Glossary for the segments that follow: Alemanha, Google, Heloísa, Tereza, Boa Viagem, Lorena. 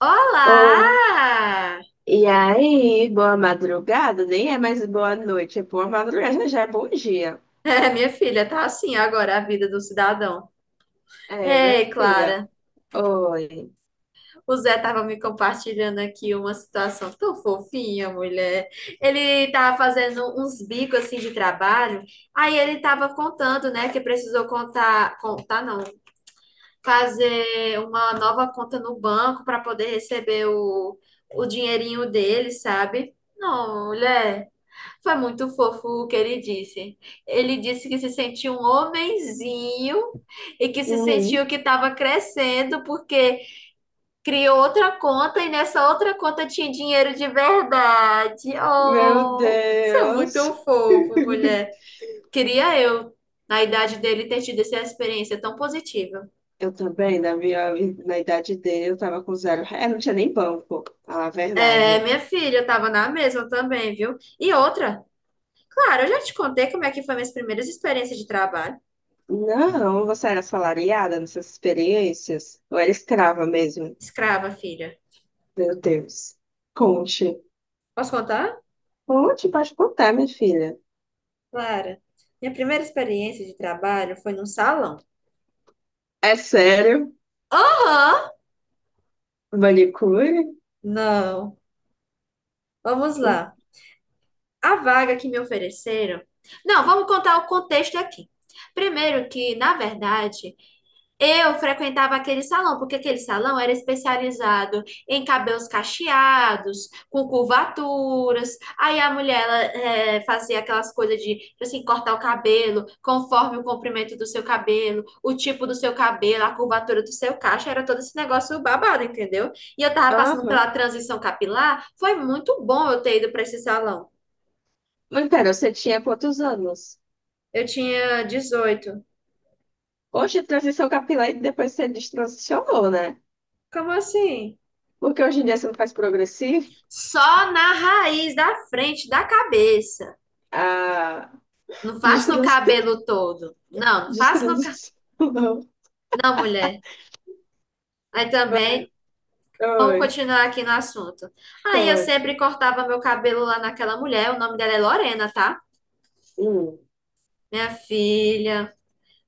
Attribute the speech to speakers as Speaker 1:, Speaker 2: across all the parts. Speaker 1: Olá!
Speaker 2: Ou, e aí, boa madrugada, nem é mais boa noite, é boa madrugada, já é bom dia.
Speaker 1: É, minha filha, tá assim agora a vida do cidadão.
Speaker 2: É, minha
Speaker 1: Ei,
Speaker 2: filha.
Speaker 1: Clara,
Speaker 2: Oi.
Speaker 1: o Zé tava me compartilhando aqui uma situação tão fofinha, mulher. Ele tava fazendo uns bicos assim de trabalho, aí ele tava contando, né, que precisou contar, contar não, fazer uma nova conta no banco para poder receber o dinheirinho dele, sabe? Não, mulher, foi muito fofo o que ele disse. Ele disse que se sentiu um homenzinho e que se
Speaker 2: Uhum.
Speaker 1: sentiu que estava crescendo porque criou outra conta e nessa outra conta tinha dinheiro de verdade.
Speaker 2: Meu
Speaker 1: Oh, isso é muito
Speaker 2: Deus.
Speaker 1: fofo, mulher. Queria eu, na idade dele, ter tido essa experiência tão positiva.
Speaker 2: Eu também, na minha, na idade dele, eu tava com zero. É, não tinha nem banco, a
Speaker 1: É,
Speaker 2: verdade.
Speaker 1: minha filha, eu tava na mesma também, viu? E outra, claro, eu já te contei como é que foi minhas primeiras experiências de trabalho.
Speaker 2: Não, você era assalariada nessas experiências? Ou era escrava mesmo?
Speaker 1: Escrava, filha.
Speaker 2: Meu Deus. Conte.
Speaker 1: Posso contar?
Speaker 2: Conte, pode contar, minha filha.
Speaker 1: Clara, minha primeira experiência de trabalho foi num salão.
Speaker 2: É sério?
Speaker 1: Aham!
Speaker 2: Manicure?
Speaker 1: Não. Vamos lá. A vaga que me ofereceram. Não, vamos contar o contexto aqui. Primeiro que, na verdade, eu frequentava aquele salão, porque aquele salão era especializado em cabelos cacheados, com curvaturas. Aí a mulher, ela, fazia aquelas coisas de, tipo assim, cortar o cabelo conforme o comprimento do seu cabelo, o tipo do seu cabelo, a curvatura do seu cacho. Era todo esse negócio babado, entendeu? E eu tava passando
Speaker 2: Aham.
Speaker 1: pela transição capilar. Foi muito bom eu ter ido para esse salão.
Speaker 2: Mas pera, você tinha quantos anos?
Speaker 1: Eu tinha 18.
Speaker 2: Hoje, transição capilar e depois você destransicionou, né?
Speaker 1: Como assim?
Speaker 2: Porque hoje em dia você não faz progressivo.
Speaker 1: Só na raiz da frente da cabeça.
Speaker 2: Ah,
Speaker 1: Não faço no
Speaker 2: destrans...
Speaker 1: cabelo todo. Não, não faço no cabelo.
Speaker 2: destransicionou.
Speaker 1: Não, mulher. Aí também, vamos
Speaker 2: Oi,
Speaker 1: continuar aqui no assunto. Aí eu
Speaker 2: poxa.
Speaker 1: sempre cortava meu cabelo lá naquela mulher, o nome dela é Lorena, tá?
Speaker 2: Hum,
Speaker 1: Minha filha,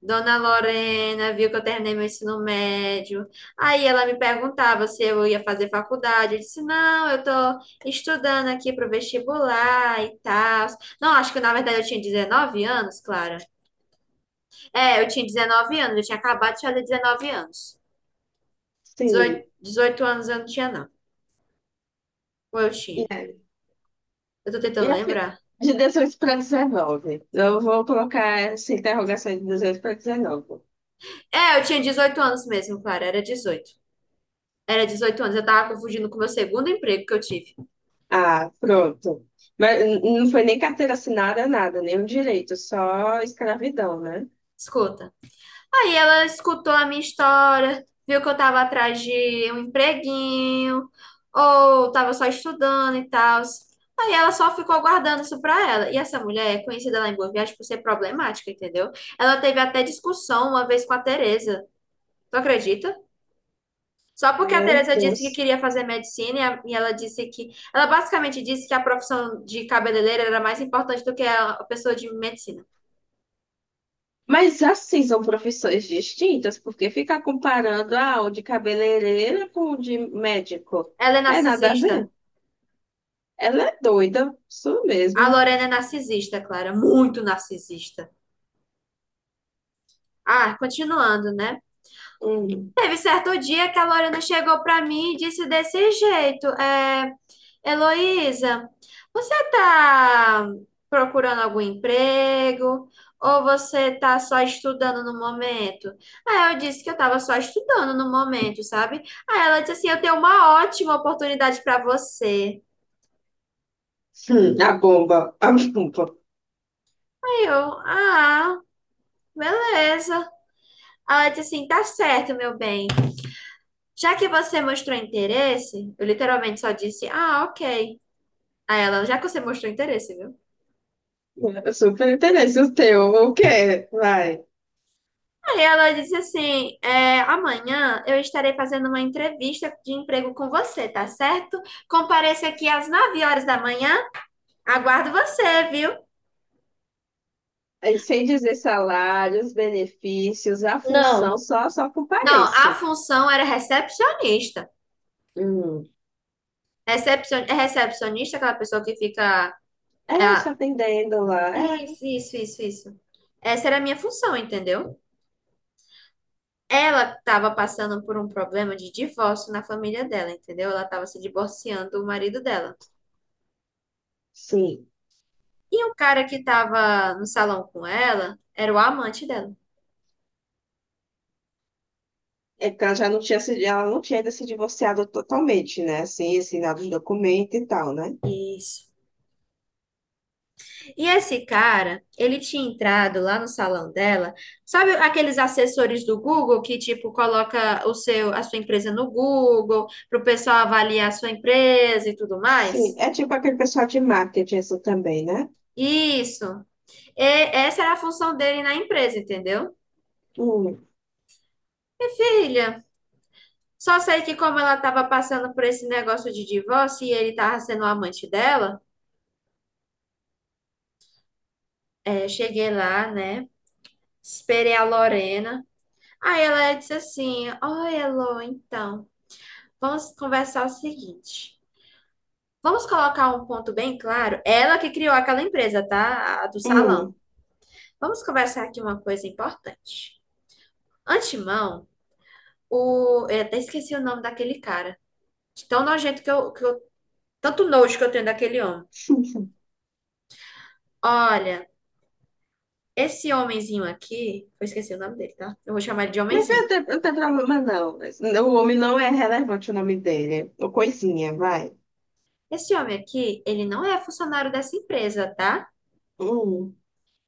Speaker 1: Dona Lorena, viu que eu terminei meu ensino médio. Aí ela me perguntava se eu ia fazer faculdade. Eu disse, não, eu tô estudando aqui pro vestibular e tal. Não, acho que na verdade eu tinha 19 anos, Clara. É, eu tinha 19 anos, eu tinha acabado de fazer 19 anos.
Speaker 2: sim.
Speaker 1: Dezoito 18 anos eu não tinha, não. Ou eu
Speaker 2: E
Speaker 1: tinha?
Speaker 2: aí?
Speaker 1: Eu tô
Speaker 2: E
Speaker 1: tentando
Speaker 2: a fi-
Speaker 1: lembrar.
Speaker 2: De 18 para 19. Eu vou colocar essa interrogação de 18 para 19.
Speaker 1: É, eu tinha 18 anos mesmo, Clara. Era 18. Era 18 anos. Eu tava confundindo com o meu segundo emprego que eu tive.
Speaker 2: Ah, pronto. Mas não foi nem carteira assinada, nada, nenhum direito, só escravidão, né?
Speaker 1: Escuta. Aí ela escutou a minha história, viu que eu tava atrás de um empreguinho, ou tava só estudando e tal. Aí ela só ficou guardando isso pra ela. E essa mulher é conhecida lá em Boa Viagem por ser problemática, entendeu? Ela teve até discussão uma vez com a Tereza. Tu acredita? Só porque a
Speaker 2: Meu
Speaker 1: Teresa disse que
Speaker 2: Deus.
Speaker 1: queria fazer medicina e ela disse que. Ela basicamente disse que a profissão de cabeleireira era mais importante do que a pessoa de medicina.
Speaker 2: Mas assim são profissões distintas, porque ficar comparando ah, o de cabeleireira com o de médico
Speaker 1: Ela é
Speaker 2: é nada a
Speaker 1: narcisista.
Speaker 2: ver. Ela é doida, isso
Speaker 1: A
Speaker 2: mesmo.
Speaker 1: Lorena é narcisista, Clara. Muito narcisista. Ah, continuando, né?
Speaker 2: Hum.
Speaker 1: Teve certo dia que a Lorena chegou para mim e disse desse jeito: é, Heloísa, você está procurando algum emprego? Ou você está só estudando no momento? Aí eu disse que eu estava só estudando no momento, sabe? Aí ela disse assim: eu tenho uma ótima oportunidade para você.
Speaker 2: A bomba, a bomba.
Speaker 1: Aí eu, ah, beleza. Ela disse assim: tá certo, meu bem. Já que você mostrou interesse, eu literalmente só disse: ah, ok. Aí ela, já que você mostrou interesse, viu?
Speaker 2: Eu super interesse o teu, o quê? Vai.
Speaker 1: Aí ela disse assim: é, amanhã eu estarei fazendo uma entrevista de emprego com você, tá certo? Compareça aqui às 9 horas da manhã. Aguardo você, viu?
Speaker 2: Aí, sem dizer salários, benefícios, a função,
Speaker 1: Não.
Speaker 2: só, só
Speaker 1: Não, a
Speaker 2: compareça.
Speaker 1: função era recepcionista.
Speaker 2: Hum.
Speaker 1: É recepcionista, é aquela pessoa que fica. é
Speaker 2: É, só
Speaker 1: a-
Speaker 2: atendendo lá. É,
Speaker 1: Isso, isso, isso, isso. Essa era a minha função, entendeu? Ela estava passando por um problema de divórcio na família dela, entendeu? Ela estava se divorciando do marido dela.
Speaker 2: sim.
Speaker 1: E o cara que tava no salão com ela era o amante dela.
Speaker 2: É porque ela já não tinha se, ela não tinha ainda se divorciado totalmente, né? Assim, assinado os documentos e tal, né?
Speaker 1: Isso. E esse cara, ele tinha entrado lá no salão dela. Sabe aqueles assessores do Google que tipo coloca o seu a sua empresa no Google para o pessoal avaliar a sua empresa e tudo
Speaker 2: Sim,
Speaker 1: mais?
Speaker 2: é tipo aquele pessoal de marketing isso também, né?
Speaker 1: Isso. E essa era a função dele na empresa, entendeu?
Speaker 2: Hum,
Speaker 1: Filha, só sei que como ela estava passando por esse negócio de divórcio e ele tava sendo o amante dela, é, eu cheguei lá, né? Esperei a Lorena. Aí ela disse assim: oi, Elo, então, vamos conversar o seguinte. Vamos colocar um ponto bem claro. Ela que criou aquela empresa, tá? A do salão.
Speaker 2: hum.
Speaker 1: Vamos conversar aqui uma coisa importante. Antemão, eu até esqueci o nome daquele cara. De tão nojento que eu. Tanto nojo que eu tenho daquele homem. Olha, esse homenzinho aqui. Eu esqueci o nome dele, tá? Eu vou chamar ele de
Speaker 2: Não
Speaker 1: homenzinho.
Speaker 2: tem, não tem problema, não. Mas o homem não é relevante o nome dele. O coisinha, vai.
Speaker 1: Esse homem aqui, ele não é funcionário dessa empresa, tá?
Speaker 2: Hum.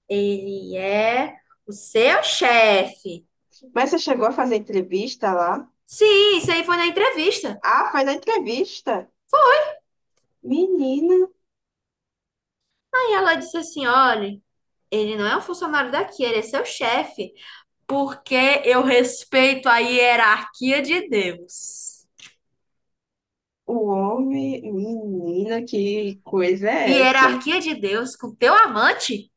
Speaker 1: Ele é o seu chefe.
Speaker 2: Mas você chegou a fazer entrevista lá?
Speaker 1: Sim, isso aí foi na entrevista.
Speaker 2: Ah, faz a entrevista. Menina,
Speaker 1: Aí ela disse assim: olha, ele não é um funcionário daqui, ele é seu chefe, porque eu respeito a hierarquia de Deus.
Speaker 2: o homem, menina, que coisa é essa?
Speaker 1: Hierarquia de Deus com teu amante?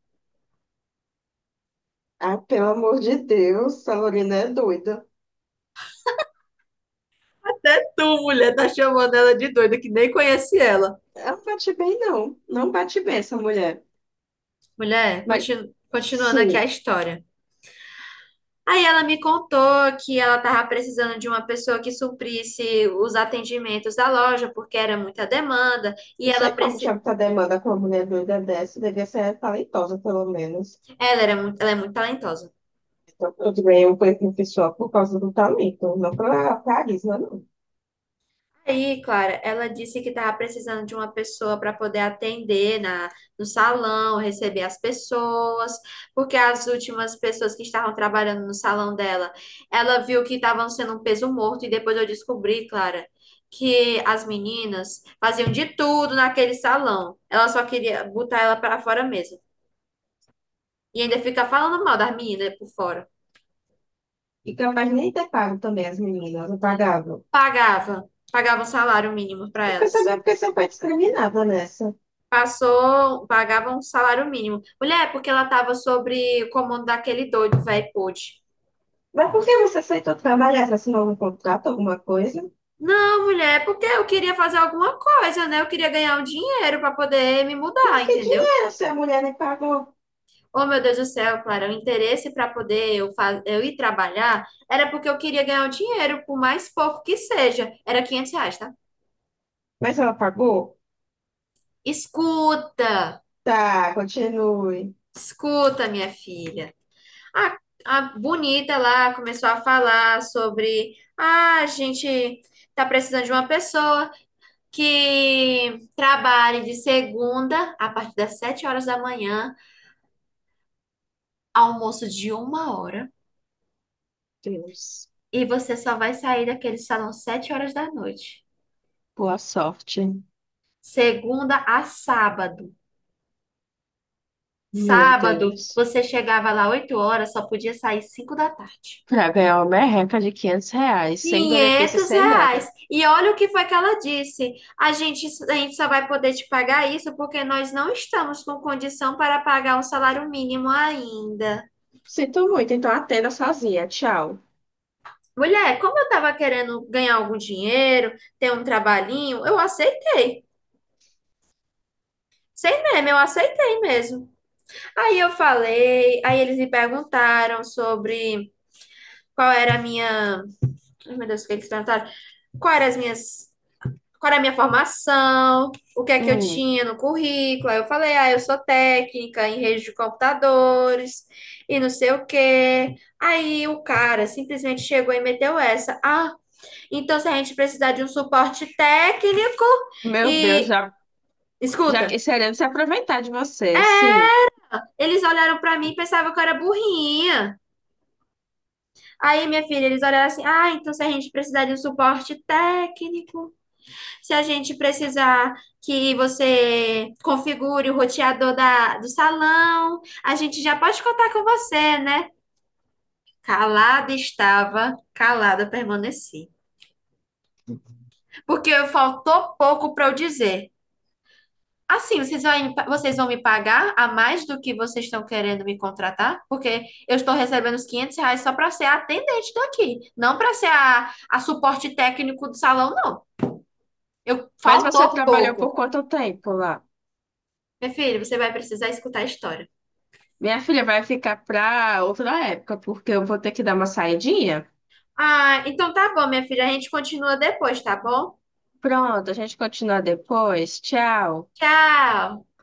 Speaker 2: Ah, pelo amor de Deus, essa Lorena é doida.
Speaker 1: Até tu, mulher, tá chamando ela de doida, que nem conhece ela.
Speaker 2: Ela não bate bem, não. Não bate bem essa mulher.
Speaker 1: Mulher,
Speaker 2: Mas,
Speaker 1: continuando aqui a
Speaker 2: sim,
Speaker 1: história. Aí ela me contou que ela estava precisando de uma pessoa que suprisse os atendimentos da loja, porque era muita demanda, e
Speaker 2: não
Speaker 1: ela,
Speaker 2: sei como tinha
Speaker 1: preci...
Speaker 2: muita demanda com uma mulher doida dessa. Devia ser talentosa, pelo menos.
Speaker 1: Ela é muito talentosa.
Speaker 2: Então, eu ganhei um conhecimento pessoal por causa do talento, não pela carisma, não.
Speaker 1: Aí, Clara, ela disse que estava precisando de uma pessoa para poder atender no salão, receber as pessoas, porque as últimas pessoas que estavam trabalhando no salão dela, ela viu que estavam sendo um peso morto, e depois eu descobri, Clara, que as meninas faziam de tudo naquele salão. Ela só queria botar ela para fora mesmo. E ainda fica falando mal das meninas por fora.
Speaker 2: E capaz nem ter pago também as meninas, eu pagava.
Speaker 1: Pagava um salário mínimo para
Speaker 2: Eu quero
Speaker 1: elas.
Speaker 2: saber porque você foi discriminada nessa.
Speaker 1: Passou, pagava um salário mínimo. Mulher, porque ela tava sobre o comando daquele doido, velho pude.
Speaker 2: Mas por que você aceitou trabalhar? Você assinou um contrato, alguma coisa?
Speaker 1: Não, mulher, porque eu queria fazer alguma coisa, né? Eu queria ganhar um dinheiro para poder me
Speaker 2: Mas
Speaker 1: mudar,
Speaker 2: que
Speaker 1: entendeu?
Speaker 2: dinheiro se a mulher nem pagou?
Speaker 1: Oh, meu Deus do céu, Clara, o interesse para poder eu ir trabalhar era porque eu queria ganhar um dinheiro, por mais pouco que seja. Era R$ 500, tá?
Speaker 2: Mas ela pagou?
Speaker 1: Escuta,
Speaker 2: Tá, continue.
Speaker 1: escuta, minha filha. A, a bonita lá começou a falar sobre, ah, a gente tá precisando de uma pessoa que trabalhe de segunda a partir das 7 horas da manhã, almoço de uma hora,
Speaker 2: Deus.
Speaker 1: e você só vai sair daquele salão 7 horas da noite.
Speaker 2: Boa sorte.
Speaker 1: Segunda a sábado.
Speaker 2: Meu
Speaker 1: Sábado,
Speaker 2: Deus.
Speaker 1: você chegava lá 8 horas, só podia sair 5 da tarde.
Speaker 2: Pra ganhar uma merreca de R$ 500, sem benefício,
Speaker 1: 500
Speaker 2: sem nada.
Speaker 1: reais. E olha o que foi que ela disse. A gente só vai poder te pagar isso porque nós não estamos com condição para pagar um salário mínimo ainda.
Speaker 2: Sinto muito, então atenda sozinha. Tchau.
Speaker 1: Mulher, como eu estava querendo ganhar algum dinheiro, ter um trabalhinho, eu aceitei. Sem meme, eu aceitei mesmo. Aí eu falei, aí eles me perguntaram sobre qual era a minha. Ai, meu Deus, o que eles perguntaram? Qual eram as minhas qual era a minha formação, o que é que eu
Speaker 2: Hum,
Speaker 1: tinha no currículo. Aí eu falei, ah, eu sou técnica em rede de computadores e não sei o quê. Aí o cara simplesmente chegou e meteu essa. Ah, então se a gente precisar de um suporte técnico
Speaker 2: meu Deus,
Speaker 1: e.
Speaker 2: já, já
Speaker 1: Escuta,
Speaker 2: querendo se aproveitar de você, sim.
Speaker 1: eles olharam pra mim e pensavam que eu era burrinha. Aí, minha filha, eles olharam assim: ah, então se a gente precisar de um suporte técnico. Se a gente precisar que você configure o roteador do salão, a gente já pode contar com você, né? Calada estava, calada permaneci. Porque faltou pouco para eu dizer. Assim, vocês vão me pagar a mais do que vocês estão querendo me contratar? Porque eu estou recebendo os R$ 500 só para ser a atendente daqui, não para ser a suporte técnico do salão, não. Eu,
Speaker 2: Mas você
Speaker 1: faltou
Speaker 2: trabalhou
Speaker 1: pouco.
Speaker 2: por quanto tempo lá?
Speaker 1: Meu filho, você vai precisar escutar a história.
Speaker 2: Minha filha vai ficar pra outra época, porque eu vou ter que dar uma saidinha.
Speaker 1: Ah, então tá bom, minha filha. A gente continua depois, tá bom?
Speaker 2: Pronto, a gente continua depois. Tchau.
Speaker 1: Tchau.